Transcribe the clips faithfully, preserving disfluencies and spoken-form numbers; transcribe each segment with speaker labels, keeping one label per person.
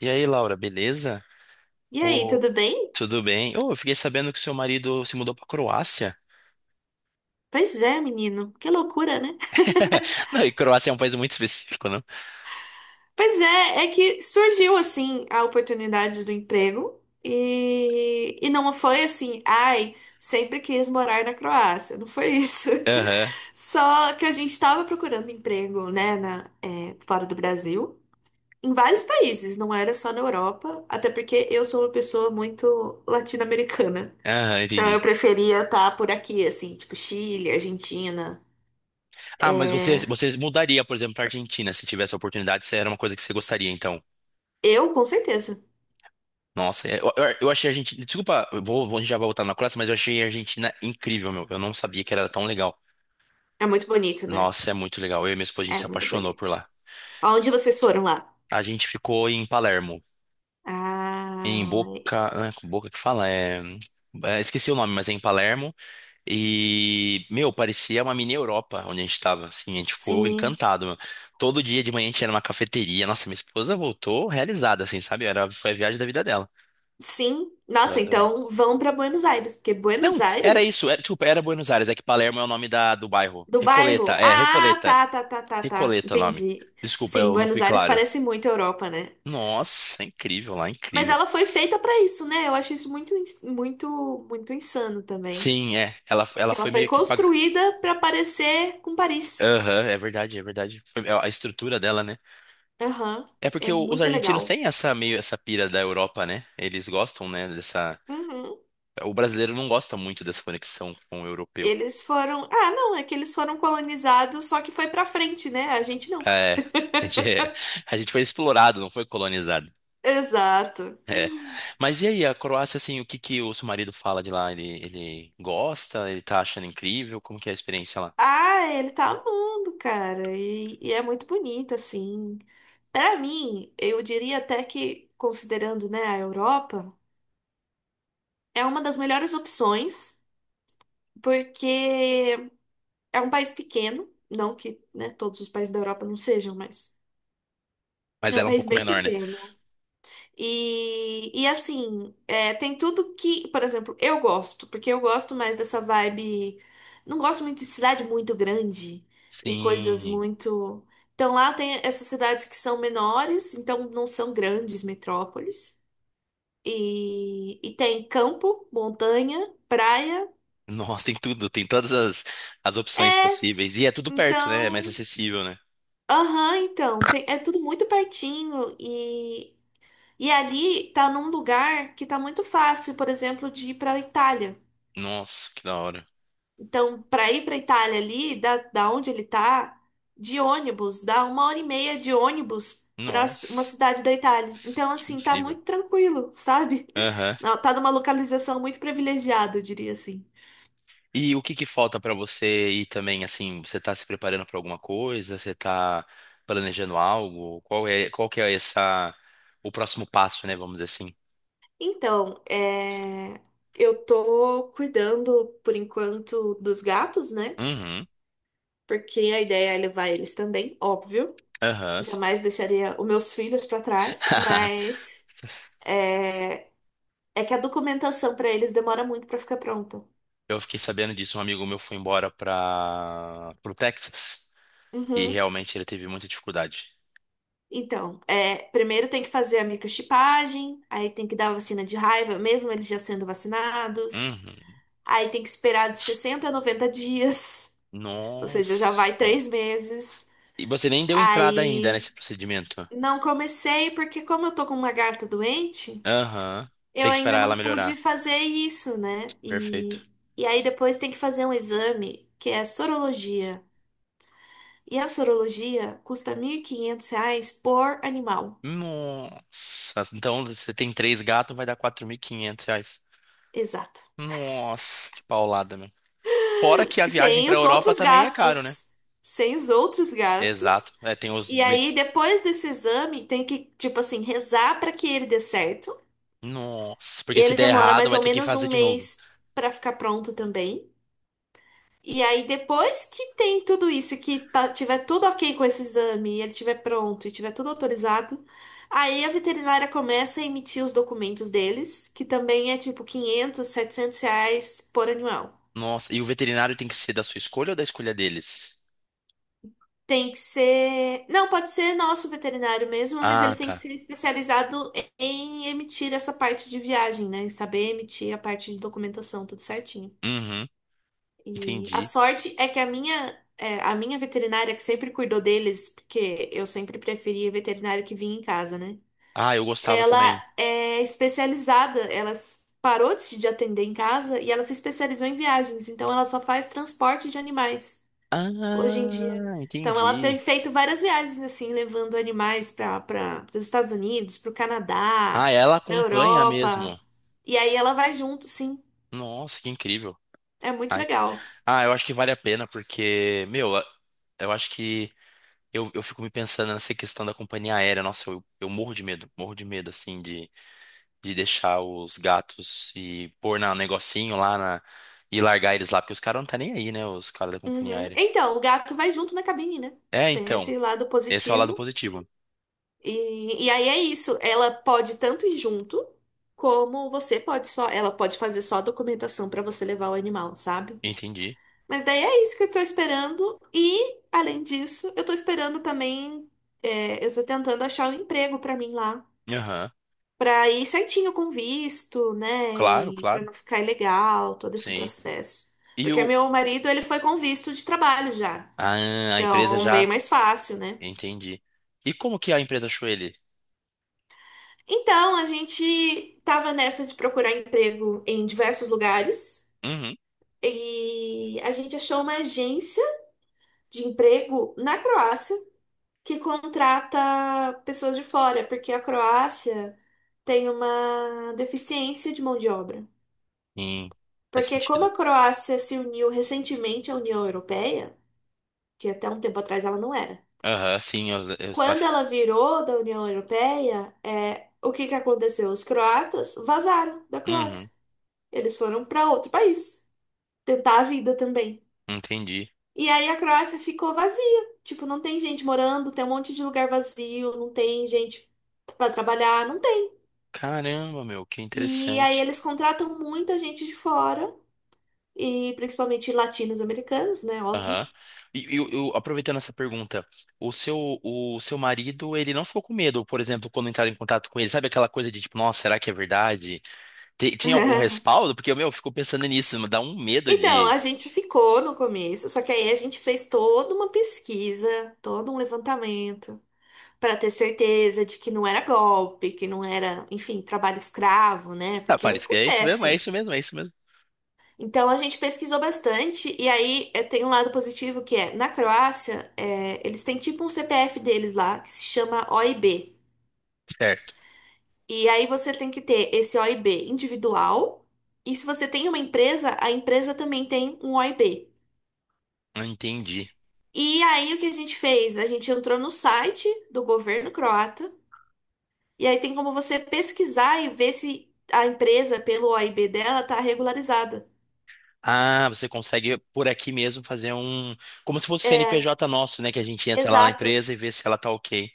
Speaker 1: E aí, Laura, beleza?
Speaker 2: E aí,
Speaker 1: Ô,
Speaker 2: tudo bem?
Speaker 1: tudo bem? Ô, eu fiquei sabendo que seu marido se mudou pra Croácia.
Speaker 2: Pois é, menino, que loucura, né?
Speaker 1: Não, e Croácia é um país muito específico, não?
Speaker 2: Pois é, é que surgiu assim a oportunidade do emprego e, e não foi assim, ai, sempre quis morar na Croácia, não foi isso.
Speaker 1: Aham,
Speaker 2: Só que a gente estava procurando emprego, né, na, é, fora do Brasil, em vários países, não era só na Europa, até porque eu sou uma pessoa muito latino-americana.
Speaker 1: aham,
Speaker 2: Então eu
Speaker 1: entendi.
Speaker 2: preferia estar por aqui, assim, tipo Chile, Argentina.
Speaker 1: Ah, mas você,
Speaker 2: eh,
Speaker 1: você mudaria, por exemplo, pra Argentina se tivesse a oportunidade, se era uma coisa que você gostaria, então.
Speaker 2: Eu, com certeza.
Speaker 1: Nossa, é- eu, eu- eu achei a Argentina. Desculpa, eu vou, vou- a gente já vai voltar na Croácia, mas eu achei a Argentina incrível, meu. Eu não sabia que era tão legal.
Speaker 2: É muito bonito, né?
Speaker 1: Nossa, é muito legal. Eu e minha esposa, a gente
Speaker 2: É
Speaker 1: se
Speaker 2: muito
Speaker 1: apaixonou
Speaker 2: bonito.
Speaker 1: por lá.
Speaker 2: Aonde vocês foram lá?
Speaker 1: A gente ficou em Palermo. Em
Speaker 2: Ah,
Speaker 1: Boca, né, Boca que fala, é, é, esqueci o nome, mas é em Palermo. E, meu, parecia uma mini Europa onde a gente tava, assim, a gente ficou
Speaker 2: sim.
Speaker 1: encantado, meu. Todo dia de manhã a gente era numa cafeteria. Nossa, minha esposa voltou realizada, assim, sabe? Era, foi a viagem da vida dela.
Speaker 2: Sim.
Speaker 1: Eu
Speaker 2: Nossa,
Speaker 1: adorei.
Speaker 2: então vão para Buenos Aires, porque Buenos
Speaker 1: Não, era isso,
Speaker 2: Aires
Speaker 1: era, desculpa, era Buenos Aires, é que Palermo é o nome da, do bairro.
Speaker 2: do
Speaker 1: Recoleta,
Speaker 2: bairro.
Speaker 1: é,
Speaker 2: Ah,
Speaker 1: Recoleta.
Speaker 2: tá, tá, tá, tá, tá.
Speaker 1: Recoleta é o nome.
Speaker 2: Entendi.
Speaker 1: Desculpa,
Speaker 2: Sim,
Speaker 1: eu não
Speaker 2: Buenos
Speaker 1: fui
Speaker 2: Aires
Speaker 1: claro.
Speaker 2: parece muito Europa, né?
Speaker 1: Nossa, é incrível lá,
Speaker 2: Mas
Speaker 1: incrível.
Speaker 2: ela foi feita para isso, né? Eu acho isso muito, ins- muito, muito insano também.
Speaker 1: Sim, é. Ela, ela
Speaker 2: Que ela
Speaker 1: foi
Speaker 2: foi
Speaker 1: meio que. pag...
Speaker 2: construída para parecer com Paris.
Speaker 1: Aham, é verdade, é verdade. Foi- é a estrutura dela, né?
Speaker 2: Aham.
Speaker 1: É
Speaker 2: É
Speaker 1: porque o- os
Speaker 2: muito
Speaker 1: argentinos
Speaker 2: legal.
Speaker 1: têm essa meio essa pira da Europa, né? Eles gostam, né, dessa.
Speaker 2: Uhum.
Speaker 1: O brasileiro não gosta muito dessa conexão com o europeu.
Speaker 2: Eles foram. Ah, não, é que eles foram colonizados, só que foi pra frente, né? A gente não.
Speaker 1: É, a gente, é- a gente foi explorado, não foi colonizado.
Speaker 2: Exato.
Speaker 1: É. Mas e aí, a Croácia, assim, o que que o seu marido fala de lá? Ele, ele gosta? Ele tá achando incrível? Como que é a experiência lá?
Speaker 2: Ah, ele tá amando, cara. E, e é muito bonito, assim. Pra mim, eu diria até que, considerando, né, a Europa, é uma das melhores opções, porque é um país pequeno. Não que, né, todos os países da Europa não sejam, mas
Speaker 1: Mas
Speaker 2: é um
Speaker 1: ela é um
Speaker 2: país
Speaker 1: pouco
Speaker 2: bem
Speaker 1: menor, né?
Speaker 2: pequeno. E, e assim, é, tem tudo que, por exemplo, eu gosto, porque eu gosto mais dessa vibe. Não gosto muito de cidade muito grande e coisas
Speaker 1: Sim.
Speaker 2: muito. Então lá tem essas cidades que são menores, então não são grandes metrópoles. E, e tem campo, montanha, praia.
Speaker 1: Nossa, tem tudo, tem todas as, as opções
Speaker 2: É,
Speaker 1: possíveis. E é tudo perto, né? É mais
Speaker 2: então.
Speaker 1: acessível, né?
Speaker 2: Aham, então. Tem- é tudo muito pertinho e. E ali tá num lugar que tá muito fácil, por exemplo, de ir para Itália.
Speaker 1: Nossa, que da hora.
Speaker 2: Então, para ir para Itália ali, da, da onde ele tá, de ônibus, dá uma hora e meia de ônibus para uma
Speaker 1: Nossa,
Speaker 2: cidade da Itália. Então,
Speaker 1: que
Speaker 2: assim, tá
Speaker 1: incrível.
Speaker 2: muito tranquilo, sabe?
Speaker 1: Aham.
Speaker 2: Não, tá numa localização muito privilegiada, eu diria assim.
Speaker 1: E o que que falta pra você ir também, assim, você tá se preparando pra alguma coisa? Você tá planejando algo? Qual é, qual que é essa, o próximo passo, né, vamos dizer assim?
Speaker 2: Então, é, eu tô cuidando, por enquanto, dos gatos, né?
Speaker 1: Uhum.
Speaker 2: Porque a ideia é levar eles também, óbvio.
Speaker 1: Aham, sim.
Speaker 2: Jamais deixaria os meus filhos para trás, mas é, é que a documentação para eles demora muito para ficar pronta.
Speaker 1: Eu fiquei sabendo disso, um amigo meu foi embora para pro Texas e
Speaker 2: Uhum.
Speaker 1: realmente ele teve muita dificuldade.
Speaker 2: Então, é, primeiro tem que fazer a microchipagem, aí tem que dar a vacina de raiva, mesmo eles já sendo vacinados.
Speaker 1: Uhum.
Speaker 2: Aí tem que esperar de sessenta a noventa dias, ou seja, já vai
Speaker 1: Nossa.
Speaker 2: três meses.
Speaker 1: E você nem deu entrada ainda
Speaker 2: Aí
Speaker 1: nesse procedimento.
Speaker 2: não comecei, porque como eu tô com uma garta doente,
Speaker 1: Aham.
Speaker 2: eu
Speaker 1: Tem que
Speaker 2: ainda
Speaker 1: esperar
Speaker 2: não
Speaker 1: ela
Speaker 2: pude
Speaker 1: melhorar.
Speaker 2: fazer isso, né?
Speaker 1: Perfeito.
Speaker 2: E, e aí depois tem que fazer um exame, que é sorologia. E a sorologia custa mil e quinhentos reais por animal.
Speaker 1: Nossa, então você tem três gatos, vai dar quatro mil e quinhentos reais.
Speaker 2: Exato.
Speaker 1: Nossa, que paulada, meu. Fora que a viagem
Speaker 2: Sem
Speaker 1: pra
Speaker 2: os
Speaker 1: Europa
Speaker 2: outros
Speaker 1: também é caro, né?
Speaker 2: gastos. Sem os outros
Speaker 1: Exato.
Speaker 2: gastos.
Speaker 1: É, tem os.
Speaker 2: E aí, depois desse exame, tem que, tipo assim, rezar para que ele dê certo.
Speaker 1: Nossa,
Speaker 2: E
Speaker 1: porque se
Speaker 2: ele
Speaker 1: der
Speaker 2: demora
Speaker 1: errado,
Speaker 2: mais
Speaker 1: vai
Speaker 2: ou
Speaker 1: ter que
Speaker 2: menos
Speaker 1: fazer
Speaker 2: um
Speaker 1: de novo.
Speaker 2: mês para ficar pronto também. E aí, depois que tem tudo isso, que tá- tiver tudo ok com esse exame, e ele tiver pronto e tiver tudo autorizado, aí a veterinária começa a emitir os documentos deles, que também é tipo quinhentos, setecentos reais por animal.
Speaker 1: Nossa, e o veterinário tem que ser da sua escolha ou da escolha deles?
Speaker 2: Tem que ser. Não, pode ser nosso veterinário mesmo, mas
Speaker 1: Ah,
Speaker 2: ele tem que
Speaker 1: tá.
Speaker 2: ser especializado em emitir essa parte de viagem, né? Em saber emitir a parte de documentação, tudo certinho.
Speaker 1: Uhum,
Speaker 2: E a
Speaker 1: entendi.
Speaker 2: sorte é que a minha, é, a minha veterinária, que sempre cuidou deles, porque eu sempre preferia veterinário que vinha em casa, né?
Speaker 1: Ah, eu gostava
Speaker 2: Ela
Speaker 1: também.
Speaker 2: é especializada, ela s- parou de de atender em casa e ela se especializou em viagens, então ela só faz transporte de animais hoje em dia.
Speaker 1: Ah,
Speaker 2: Então, ela tem
Speaker 1: entendi.
Speaker 2: feito várias viagens assim, levando animais para para os Estados Unidos, para o Canadá,
Speaker 1: Ah, ela
Speaker 2: para a
Speaker 1: acompanha mesmo.
Speaker 2: Europa. E aí ela vai junto, sim.
Speaker 1: Nossa, que incrível.
Speaker 2: É muito
Speaker 1: Ai, que-
Speaker 2: legal.
Speaker 1: Ah, eu acho que vale a pena, porque, meu, eu acho que eu, eu fico me pensando nessa questão da companhia aérea. Nossa, eu, eu morro de medo, morro de medo, assim, de, de, deixar os gatos e pôr na, um negocinho lá na, e largar eles lá, porque os caras não tá nem aí, né, os caras da companhia
Speaker 2: Uhum.
Speaker 1: aérea.
Speaker 2: Então, o gato vai junto na cabine, né?
Speaker 1: É,
Speaker 2: Tem
Speaker 1: então,
Speaker 2: esse lado
Speaker 1: esse é o lado
Speaker 2: positivo.
Speaker 1: positivo.
Speaker 2: E, e aí é isso. Ela pode tanto ir junto, como você pode só. Ela pode fazer só a documentação para você levar o animal, sabe?
Speaker 1: Entendi.
Speaker 2: Mas daí é isso que eu tô esperando. E, além disso, eu tô esperando também. é, eu tô tentando achar um emprego pra mim lá.
Speaker 1: Aham.
Speaker 2: Pra ir certinho com visto, né?
Speaker 1: Claro,
Speaker 2: E pra
Speaker 1: claro.
Speaker 2: não ficar ilegal, todo esse
Speaker 1: Sim.
Speaker 2: processo.
Speaker 1: E
Speaker 2: Porque
Speaker 1: o,
Speaker 2: meu marido, ele foi com visto de trabalho já.
Speaker 1: ah, a empresa
Speaker 2: Então, bem
Speaker 1: já,
Speaker 2: mais fácil, né?
Speaker 1: entendi. E como que a empresa achou ele?
Speaker 2: Então, a gente tava nessa de procurar emprego em diversos lugares.
Speaker 1: Uhum.
Speaker 2: E a gente achou uma agência de emprego na Croácia, que contrata pessoas de fora, porque a Croácia tem uma deficiência de mão de obra.
Speaker 1: Sim, faz
Speaker 2: Porque como
Speaker 1: sentido.
Speaker 2: a Croácia se uniu recentemente à União Europeia, que até um tempo atrás ela não era,
Speaker 1: Aham, sim, eu, eu, ela,
Speaker 2: quando
Speaker 1: fi-
Speaker 2: ela virou da União Europeia, é, o que que aconteceu? Os croatas vazaram da Croácia.
Speaker 1: uhum,
Speaker 2: Eles foram para outro país tentar a vida também.
Speaker 1: entendi.
Speaker 2: E aí a Croácia ficou vazia. Tipo, não tem gente morando, tem um monte de lugar vazio, não tem gente para trabalhar, não tem.
Speaker 1: Caramba, meu, que
Speaker 2: E aí
Speaker 1: interessante.
Speaker 2: eles contratam muita gente de fora, e principalmente latinos americanos, né? Óbvio.
Speaker 1: Aham. E eu, eu- aproveitando essa pergunta, o seu, o seu marido, ele não ficou com medo, por exemplo, quando entraram em contato com ele, sabe aquela coisa de tipo, nossa, será que é verdade? Tem, tem algum respaldo? Porque, meu, eu fico pensando nisso, me dá um medo
Speaker 2: Então,
Speaker 1: de.
Speaker 2: a gente ficou no começo, só que aí a gente fez toda uma pesquisa, todo um levantamento, para ter certeza de que não era golpe, que não era, enfim, trabalho escravo, né?
Speaker 1: Ah,
Speaker 2: Porque
Speaker 1: Paris, é isso mesmo, é
Speaker 2: acontece.
Speaker 1: isso mesmo, é isso mesmo.
Speaker 2: Então, a gente pesquisou bastante, e aí eh, tem um lado positivo que é, na Croácia, eh, eles têm tipo um C P F deles lá, que se chama O I B.
Speaker 1: Certo.
Speaker 2: E aí você tem que ter esse O I B individual. E se você tem uma empresa, a empresa também tem um O I B.
Speaker 1: Entendi.
Speaker 2: E aí o que a gente fez? A gente entrou no site do governo croata. E aí tem como você pesquisar e ver se a empresa, pelo O I B dela, está regularizada.
Speaker 1: Ah, você consegue por aqui mesmo fazer um. Como se fosse o
Speaker 2: É,
Speaker 1: C N P J nosso, né? Que a gente entra lá na
Speaker 2: exato.
Speaker 1: empresa e vê se ela tá ok.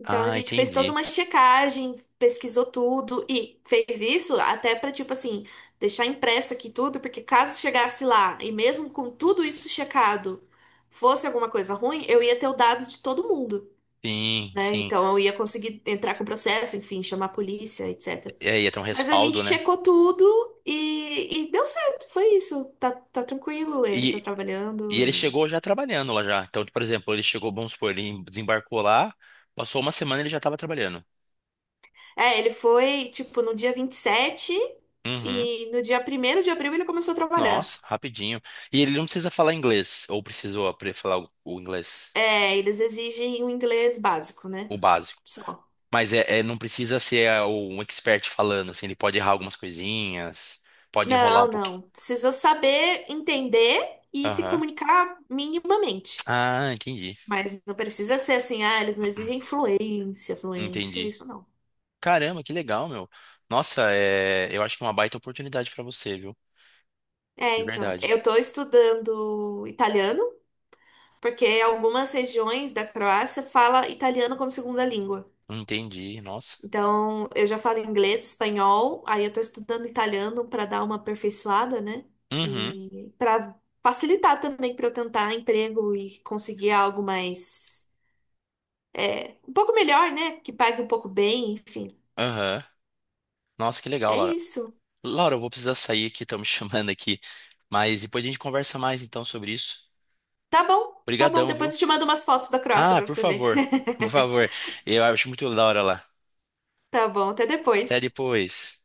Speaker 2: Então a
Speaker 1: Ah,
Speaker 2: gente fez toda
Speaker 1: entendi.
Speaker 2: uma checagem, pesquisou tudo e fez isso até para tipo assim, deixar impresso aqui tudo, porque caso chegasse lá e mesmo com tudo isso checado, fosse alguma coisa ruim, eu ia ter o dado de todo mundo,
Speaker 1: Sim,
Speaker 2: né?
Speaker 1: sim.
Speaker 2: Então eu ia conseguir entrar com o processo, enfim, chamar a polícia, et cetera.
Speaker 1: É, ia ter um
Speaker 2: Mas a gente
Speaker 1: respaldo, né?
Speaker 2: checou tudo e, e deu certo, foi isso. Tá, tá tranquilo, ele tá
Speaker 1: E, e
Speaker 2: trabalhando
Speaker 1: ele
Speaker 2: e.
Speaker 1: chegou já trabalhando lá já. Então, por exemplo, ele chegou, vamos supor, ele desembarcou lá, passou uma semana e ele já estava trabalhando.
Speaker 2: É, ele foi, tipo, no dia vinte e sete
Speaker 1: Uhum.
Speaker 2: e no dia primeiro de abril ele começou a trabalhar.
Speaker 1: Nossa, rapidinho. E ele não precisa falar inglês, ou precisou apre- falar o, o inglês,
Speaker 2: É, eles exigem um inglês básico, né?
Speaker 1: o básico.
Speaker 2: Só.
Speaker 1: Mas é, é- não precisa ser ah, um expert falando, assim, ele pode errar algumas coisinhas, pode enrolar um
Speaker 2: Não,
Speaker 1: pouquinho.
Speaker 2: não. Precisa saber entender e se
Speaker 1: Aham.
Speaker 2: comunicar minimamente.
Speaker 1: Ah, entendi.
Speaker 2: Mas não precisa ser assim, ah, eles não exigem fluência, fluência,
Speaker 1: Entendi.
Speaker 2: isso não.
Speaker 1: Caramba, que legal, meu. Nossa, é... eu acho que é uma baita oportunidade pra você, viu?
Speaker 2: É,
Speaker 1: De
Speaker 2: então,
Speaker 1: verdade.
Speaker 2: eu tô estudando italiano, porque algumas regiões da Croácia fala italiano como segunda língua.
Speaker 1: Entendi, nossa.
Speaker 2: Então, eu já falo inglês, espanhol, aí eu tô estudando italiano para dar uma aperfeiçoada, né?
Speaker 1: Uhum,
Speaker 2: E para facilitar também para eu tentar emprego e conseguir algo mais um pouco melhor, né? Que pague um pouco bem, enfim.
Speaker 1: aham. Nossa, que legal,
Speaker 2: É
Speaker 1: Laura.
Speaker 2: isso.
Speaker 1: Laura, eu vou precisar sair aqui, estão me chamando aqui. Mas depois a gente conversa mais então sobre isso.
Speaker 2: Tá bom, tá bom.
Speaker 1: Obrigadão,
Speaker 2: Depois
Speaker 1: viu?
Speaker 2: eu te mando umas fotos da Croácia
Speaker 1: Ah,
Speaker 2: para
Speaker 1: por
Speaker 2: você ver.
Speaker 1: favor. Por favor. Eu acho muito da hora lá.
Speaker 2: Tá bom, até
Speaker 1: Até
Speaker 2: depois.
Speaker 1: depois.